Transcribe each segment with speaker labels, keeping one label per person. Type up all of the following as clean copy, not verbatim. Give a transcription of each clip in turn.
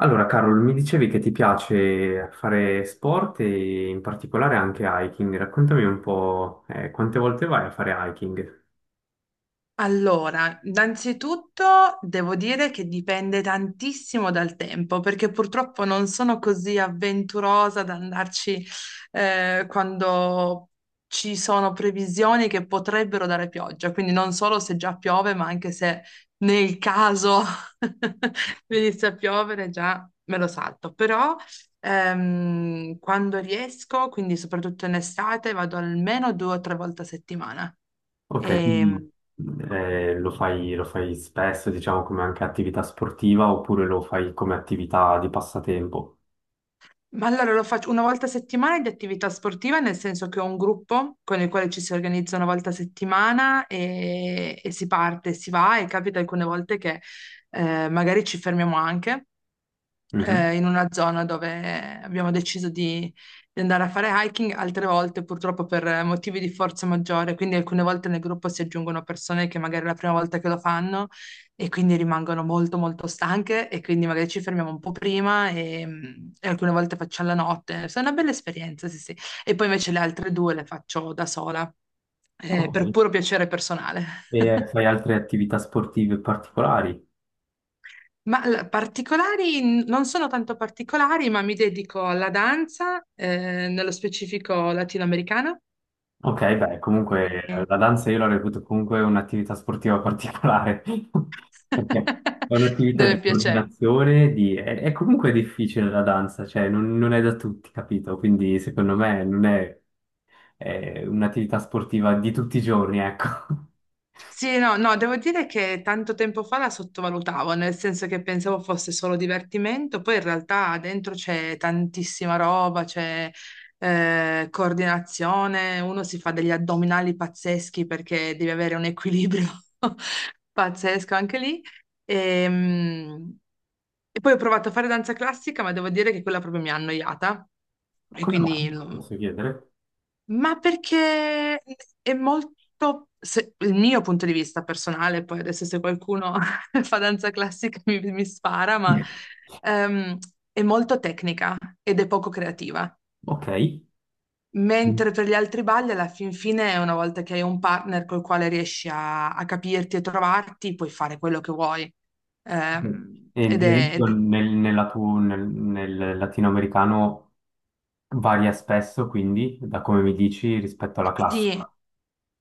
Speaker 1: Allora, Carol, mi dicevi che ti piace fare sport e in particolare anche hiking. Raccontami un po', quante volte vai a fare hiking?
Speaker 2: Allora, innanzitutto devo dire che dipende tantissimo dal tempo, perché purtroppo non sono così avventurosa ad andarci quando ci sono previsioni che potrebbero dare pioggia, quindi non solo se già piove, ma anche se nel caso venisse a piovere già me lo salto. Però quando riesco, quindi soprattutto in estate, vado almeno due o tre volte a settimana.
Speaker 1: Ok, quindi
Speaker 2: E,
Speaker 1: lo fai spesso, diciamo, come anche attività sportiva oppure lo fai come attività di passatempo?
Speaker 2: Ma allora lo faccio una volta a settimana di attività sportiva, nel senso che ho un gruppo con il quale ci si organizza una volta a settimana e, si parte, si va, e capita alcune volte che magari ci fermiamo anche
Speaker 1: Mhm.
Speaker 2: in una zona dove abbiamo deciso di andare a fare hiking. Altre volte, purtroppo, per motivi di forza maggiore, quindi alcune volte nel gruppo si aggiungono persone che magari è la prima volta che lo fanno e quindi rimangono molto molto stanche, e quindi magari ci fermiamo un po' prima e, alcune volte faccio alla notte. È una bella esperienza, sì, sì. E poi invece le altre due le faccio da sola, per
Speaker 1: Ok.
Speaker 2: puro piacere personale.
Speaker 1: E fai altre attività sportive particolari?
Speaker 2: Ma particolari, non sono tanto particolari, ma mi dedico alla danza, nello specifico latinoamericana,
Speaker 1: Ok, beh, comunque
Speaker 2: eh,
Speaker 1: la danza io la reputo comunque un'attività sportiva particolare, perché è un'attività
Speaker 2: dove
Speaker 1: di
Speaker 2: piace.
Speaker 1: coordinazione, È, è comunque difficile la danza, cioè non, non è da tutti, capito? Quindi secondo me non è, è un'attività sportiva di tutti i giorni, ecco.
Speaker 2: Sì, no, no, devo dire che tanto tempo fa la sottovalutavo, nel senso che pensavo fosse solo divertimento, poi in realtà dentro c'è tantissima roba, c'è coordinazione, uno si fa degli addominali pazzeschi perché devi avere un equilibrio pazzesco anche lì. Ehm, E poi ho provato a fare danza classica, ma devo dire che quella proprio mi ha annoiata e
Speaker 1: Come
Speaker 2: quindi
Speaker 1: mai? Posso chiedere?
Speaker 2: ma perché è molto, il mio punto di vista personale, poi adesso se qualcuno fa danza classica mi spara, ma ehm, è molto tecnica ed è poco creativa.
Speaker 1: Ok.
Speaker 2: Mentre per gli altri balli, alla fin fine, una volta che hai un partner col quale riesci a capirti e trovarti, puoi fare quello che vuoi. Ehm,
Speaker 1: E ad
Speaker 2: ed è,
Speaker 1: esempio
Speaker 2: ed-
Speaker 1: nel, nella tu- nel, nel latinoamericano varia spesso, quindi, da come mi dici, rispetto alla
Speaker 2: sì,
Speaker 1: classica.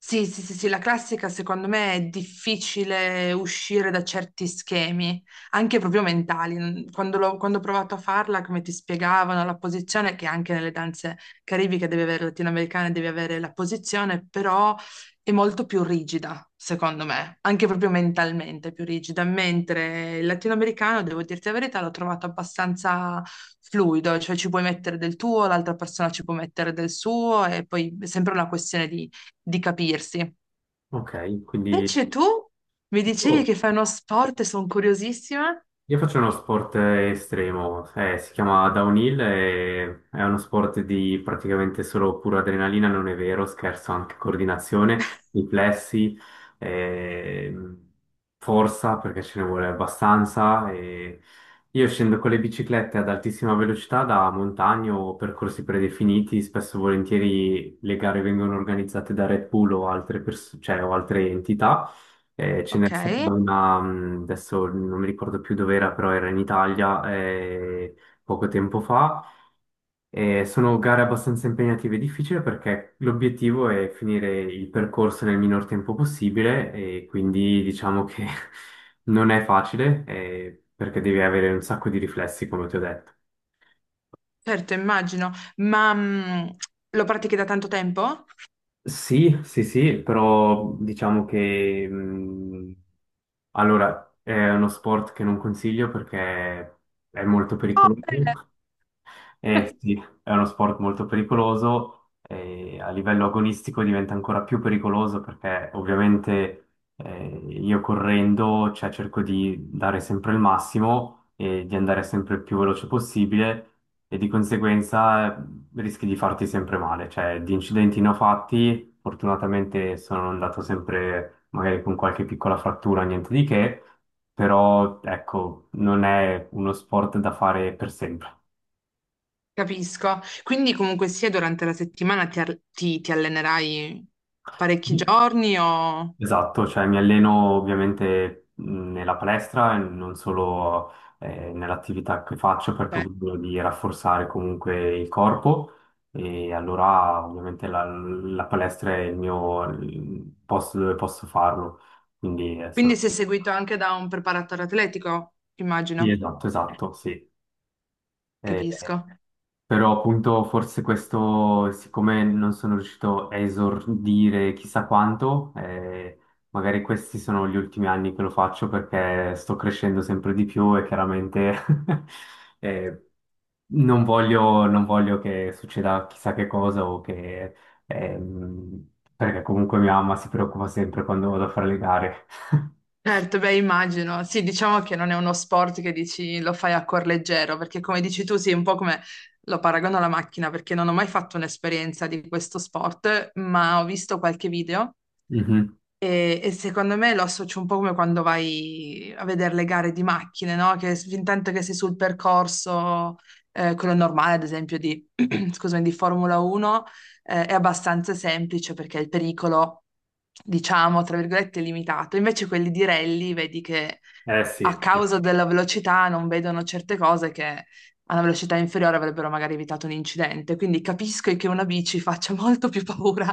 Speaker 2: Sì, sì, sì, sì, la classica secondo me è difficile uscire da certi schemi, anche proprio mentali. Quando, quando ho provato a farla, come ti spiegavano, la posizione, che anche nelle danze caribiche deve avere, latinoamericane deve avere la posizione, però è molto più rigida, secondo me, anche proprio mentalmente più rigida, mentre il latinoamericano, devo dirti la verità, l'ho trovato abbastanza fluido, cioè ci puoi mettere del tuo, l'altra persona ci può mettere del suo, e poi è sempre una questione di capirsi.
Speaker 1: Ok, quindi
Speaker 2: Invece tu mi dicevi
Speaker 1: oh,
Speaker 2: che fai uno sport e sono curiosissima.
Speaker 1: io faccio uno sport estremo, si chiama downhill, e è uno sport di praticamente solo pura adrenalina, non è vero, scherzo, anche coordinazione, riflessi, ehm, forza perché ce ne vuole abbastanza. E io scendo con le biciclette ad altissima velocità da montagne o percorsi predefiniti, spesso e volentieri le gare vengono organizzate da Red Bull o cioè, o altre entità. Ce n'è
Speaker 2: Ok,
Speaker 1: stata una, adesso non mi ricordo più dove era, però era in Italia poco tempo fa. Sono gare abbastanza impegnative e difficili perché l'obiettivo è finire il percorso nel minor tempo possibile e quindi diciamo che non è facile perché devi avere un sacco di riflessi, come ti ho detto.
Speaker 2: certo, immagino, ma lo pratichi da tanto tempo?
Speaker 1: Sì, sì, sì, però diciamo che allora è uno sport che non consiglio perché è molto
Speaker 2: Correre.
Speaker 1: pericoloso. Eh sì, è uno sport molto pericoloso e a livello agonistico diventa ancora più pericoloso perché ovviamente eh, io correndo, cioè, cerco di dare sempre il massimo e di andare sempre il più veloce possibile e di conseguenza rischi di farti sempre male, cioè di incidenti ne ho fatti, fortunatamente sono andato sempre magari con qualche piccola frattura, niente di che, però ecco, non è uno sport da fare per sempre.
Speaker 2: Capisco. Quindi comunque sia durante la settimana ti allenerai parecchi giorni o...
Speaker 1: Esatto, cioè mi alleno ovviamente nella palestra e non solo nell'attività che faccio perché ho
Speaker 2: Certo.
Speaker 1: bisogno di rafforzare comunque il corpo e allora ovviamente la, la palestra è il mio il posto dove posso farlo. Quindi
Speaker 2: Quindi
Speaker 1: sono...
Speaker 2: sei seguito anche da un preparatore atletico,
Speaker 1: Sì,
Speaker 2: immagino.
Speaker 1: esatto, esatto, sì. Eh,
Speaker 2: Capisco.
Speaker 1: Però appunto forse questo, siccome non sono riuscito a esordire chissà quanto, magari questi sono gli ultimi anni che lo faccio perché sto crescendo sempre di più e chiaramente eh, non voglio, non voglio che succeda chissà che cosa perché comunque mia mamma si preoccupa sempre quando vado a fare le gare.
Speaker 2: Certo, beh, immagino. Sì, diciamo che non è uno sport che dici lo fai a cuor leggero, perché come dici tu, sì, un po' come lo paragono alla macchina, perché non ho mai fatto un'esperienza di questo sport, ma ho visto qualche video,
Speaker 1: Mhm.
Speaker 2: e, secondo me lo associo un po' come quando vai a vedere le gare di macchine, no? Fin tanto che sei sul percorso, quello normale, ad esempio, di, scusami, di Formula 1, è abbastanza semplice perché il pericolo, diciamo, tra virgolette, è limitato. Invece quelli di rally, vedi che
Speaker 1: Eh
Speaker 2: a
Speaker 1: sì,
Speaker 2: causa della velocità non vedono certe cose che a una velocità inferiore avrebbero magari evitato un incidente. Quindi capisco che una bici faccia molto più paura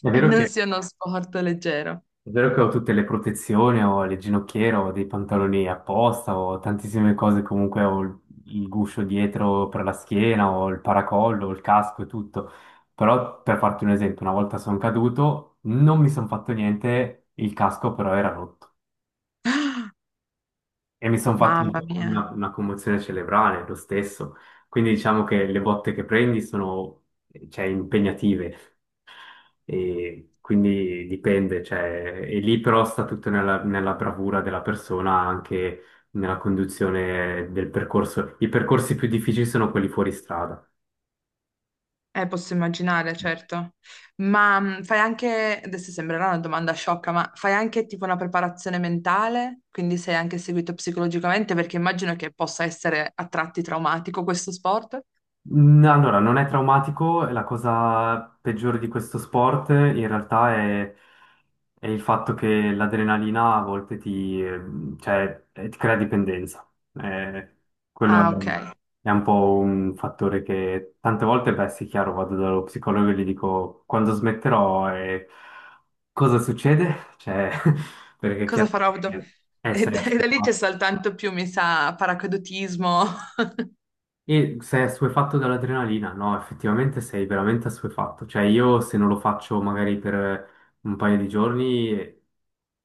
Speaker 1: È
Speaker 2: e
Speaker 1: vero
Speaker 2: non
Speaker 1: che
Speaker 2: sia uno sport leggero.
Speaker 1: È vero che ho tutte le protezioni, ho le ginocchiere, ho dei pantaloni apposta, ho tantissime cose, comunque ho il guscio dietro per la schiena, ho il paracollo, ho il casco e tutto. Però per farti un esempio, una volta sono caduto, non mi sono fatto niente, il casco però era rotto e mi sono fatto
Speaker 2: Mamma mia,
Speaker 1: una commozione cerebrale lo stesso. Quindi diciamo che le botte che prendi sono, cioè, impegnative. E quindi dipende, cioè, e lì però sta tutto nella, nella bravura della persona, anche nella conduzione del percorso. I percorsi più difficili sono quelli fuori strada.
Speaker 2: posso immaginare, certo. Ma fai anche, adesso sembrerà una domanda sciocca, ma fai anche tipo una preparazione mentale? Quindi sei anche seguito psicologicamente? Perché immagino che possa essere a tratti traumatico questo sport.
Speaker 1: Mm, allora, non è traumatico, e la cosa peggiore di questo sport in realtà è il fatto che l'adrenalina a volte cioè, ti crea dipendenza. Eh, Quello
Speaker 2: Ah, ok.
Speaker 1: è un po' un fattore che tante volte, beh, sì, chiaro, vado dallo psicologo e gli dico quando smetterò e cosa succede? Cioè, perché
Speaker 2: Cosa
Speaker 1: chiaro,
Speaker 2: farò? E
Speaker 1: sei
Speaker 2: da, e da lì c'è
Speaker 1: ascoltato.
Speaker 2: soltanto più, mi sa, paracadutismo.
Speaker 1: E sei assuefatto dall'adrenalina? No, effettivamente sei veramente assuefatto. Cioè, io se non lo faccio magari per un paio di giorni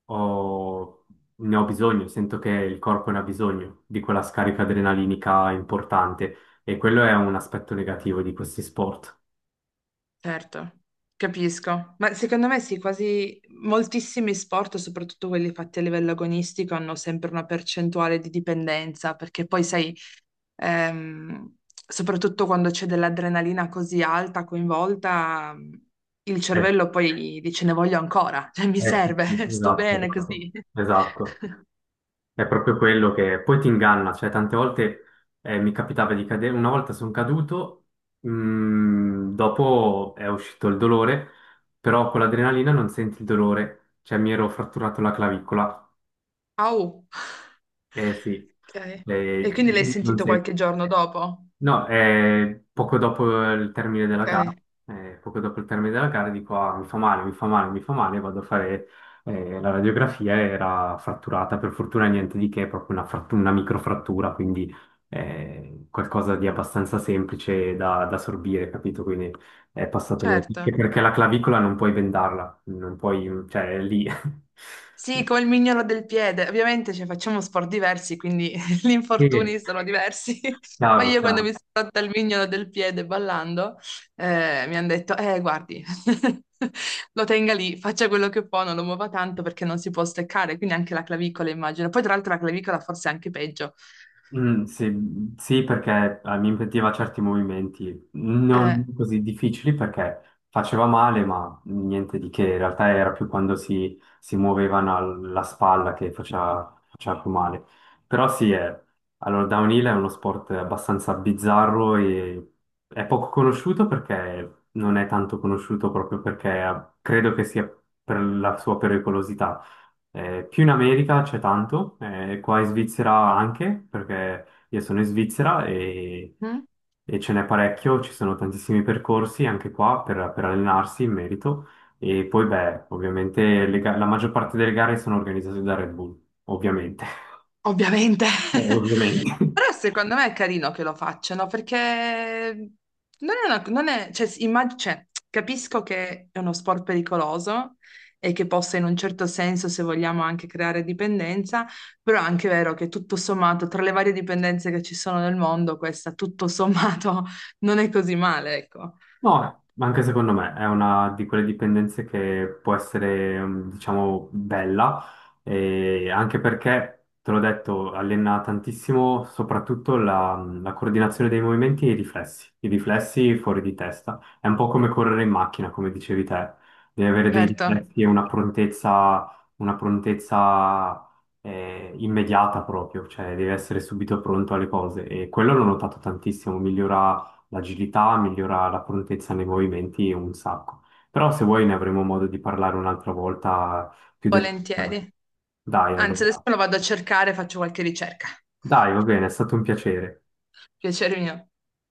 Speaker 1: ho- ne ho bisogno, sento che il corpo ne ha bisogno di quella scarica adrenalinica importante e quello è un aspetto negativo di questi sport.
Speaker 2: Certo, capisco. Ma secondo me sì, quasi moltissimi sport, soprattutto quelli fatti a livello agonistico, hanno sempre una percentuale di dipendenza, perché poi sai, ehm, soprattutto quando c'è dell'adrenalina così alta coinvolta, il
Speaker 1: Eh,
Speaker 2: cervello poi dice ne voglio ancora, cioè mi
Speaker 1: sì, sì,
Speaker 2: serve, sto bene
Speaker 1: esatto.
Speaker 2: così.
Speaker 1: Esatto. È proprio quello che poi ti inganna, cioè tante volte mi capitava di cadere, una volta sono caduto, mm, dopo è uscito il dolore, però con l'adrenalina non senti il dolore, cioè mi ero fratturato la clavicola,
Speaker 2: Au.
Speaker 1: eh sì,
Speaker 2: Ok. E
Speaker 1: eh,
Speaker 2: quindi l'hai
Speaker 1: non
Speaker 2: sentito
Speaker 1: senti.
Speaker 2: qualche giorno dopo?
Speaker 1: No, poco dopo il termine della gara,
Speaker 2: Ok,
Speaker 1: poco dopo il termine della gara dico, ah, mi fa male, mi fa male, mi fa male, vado a fare la radiografia, era fratturata, per fortuna niente di che, è proprio una, una microfrattura, quindi qualcosa di abbastanza semplice da, da sorbire, capito? Quindi è passato quello
Speaker 2: certo.
Speaker 1: che perché la clavicola non puoi vendarla, non puoi, cioè è lì.
Speaker 2: Sì, come il mignolo del piede. Ovviamente cioè, facciamo sport diversi, quindi gli
Speaker 1: Sì,
Speaker 2: infortuni sono diversi. Ma
Speaker 1: chiaro,
Speaker 2: io quando
Speaker 1: chiaro.
Speaker 2: mi sono rotta il mignolo del piede ballando, mi hanno detto, guardi, lo tenga lì, faccia quello che può, non lo muova tanto perché non si può steccare, quindi anche la clavicola immagino. Poi tra l'altro la clavicola forse è anche peggio.
Speaker 1: Mm, sì, sì, perché mi impediva certi movimenti non
Speaker 2: Eh,
Speaker 1: così difficili perché faceva male, ma niente di che. In realtà era più quando si muovevano la spalla che faceva, faceva più male. Però sì, è, allora, downhill è uno sport abbastanza bizzarro e è poco conosciuto perché non è tanto conosciuto proprio perché credo che sia per la sua pericolosità. Più in America c'è tanto, qua in Svizzera anche, perché io sono in Svizzera
Speaker 2: mm?
Speaker 1: e ce n'è parecchio, ci sono tantissimi percorsi anche qua per allenarsi in merito. E poi, beh, ovviamente la maggior parte delle gare sono organizzate da Red Bull, ovviamente.
Speaker 2: Ovviamente.
Speaker 1: Ovviamente.
Speaker 2: Però secondo me è carino che lo facciano perché non è, cioè, capisco che è uno sport pericoloso e che possa in un certo senso, se vogliamo, anche creare dipendenza, però è anche vero che tutto sommato, tra le varie dipendenze che ci sono nel mondo, questa tutto sommato non è così male, ecco.
Speaker 1: No, ma anche secondo me è una di quelle dipendenze che può essere, mm, diciamo, bella, e anche perché, te l'ho detto, allena tantissimo soprattutto la, mm, la coordinazione dei movimenti e i riflessi fuori di testa. È un po' come correre in macchina, come dicevi te, devi avere dei
Speaker 2: Certo,
Speaker 1: riflessi e una prontezza immediata proprio, cioè devi essere subito pronto alle cose e quello l'ho notato tantissimo, migliora l'agilità, migliora la prontezza nei movimenti un sacco. Però se vuoi ne avremo modo di parlare un'altra volta più dettagliatamente.
Speaker 2: volentieri.
Speaker 1: Dai,
Speaker 2: Anzi, adesso
Speaker 1: allora.
Speaker 2: lo vado a cercare, faccio qualche ricerca.
Speaker 1: Dai, va bene, è stato un piacere.
Speaker 2: Piacere mio.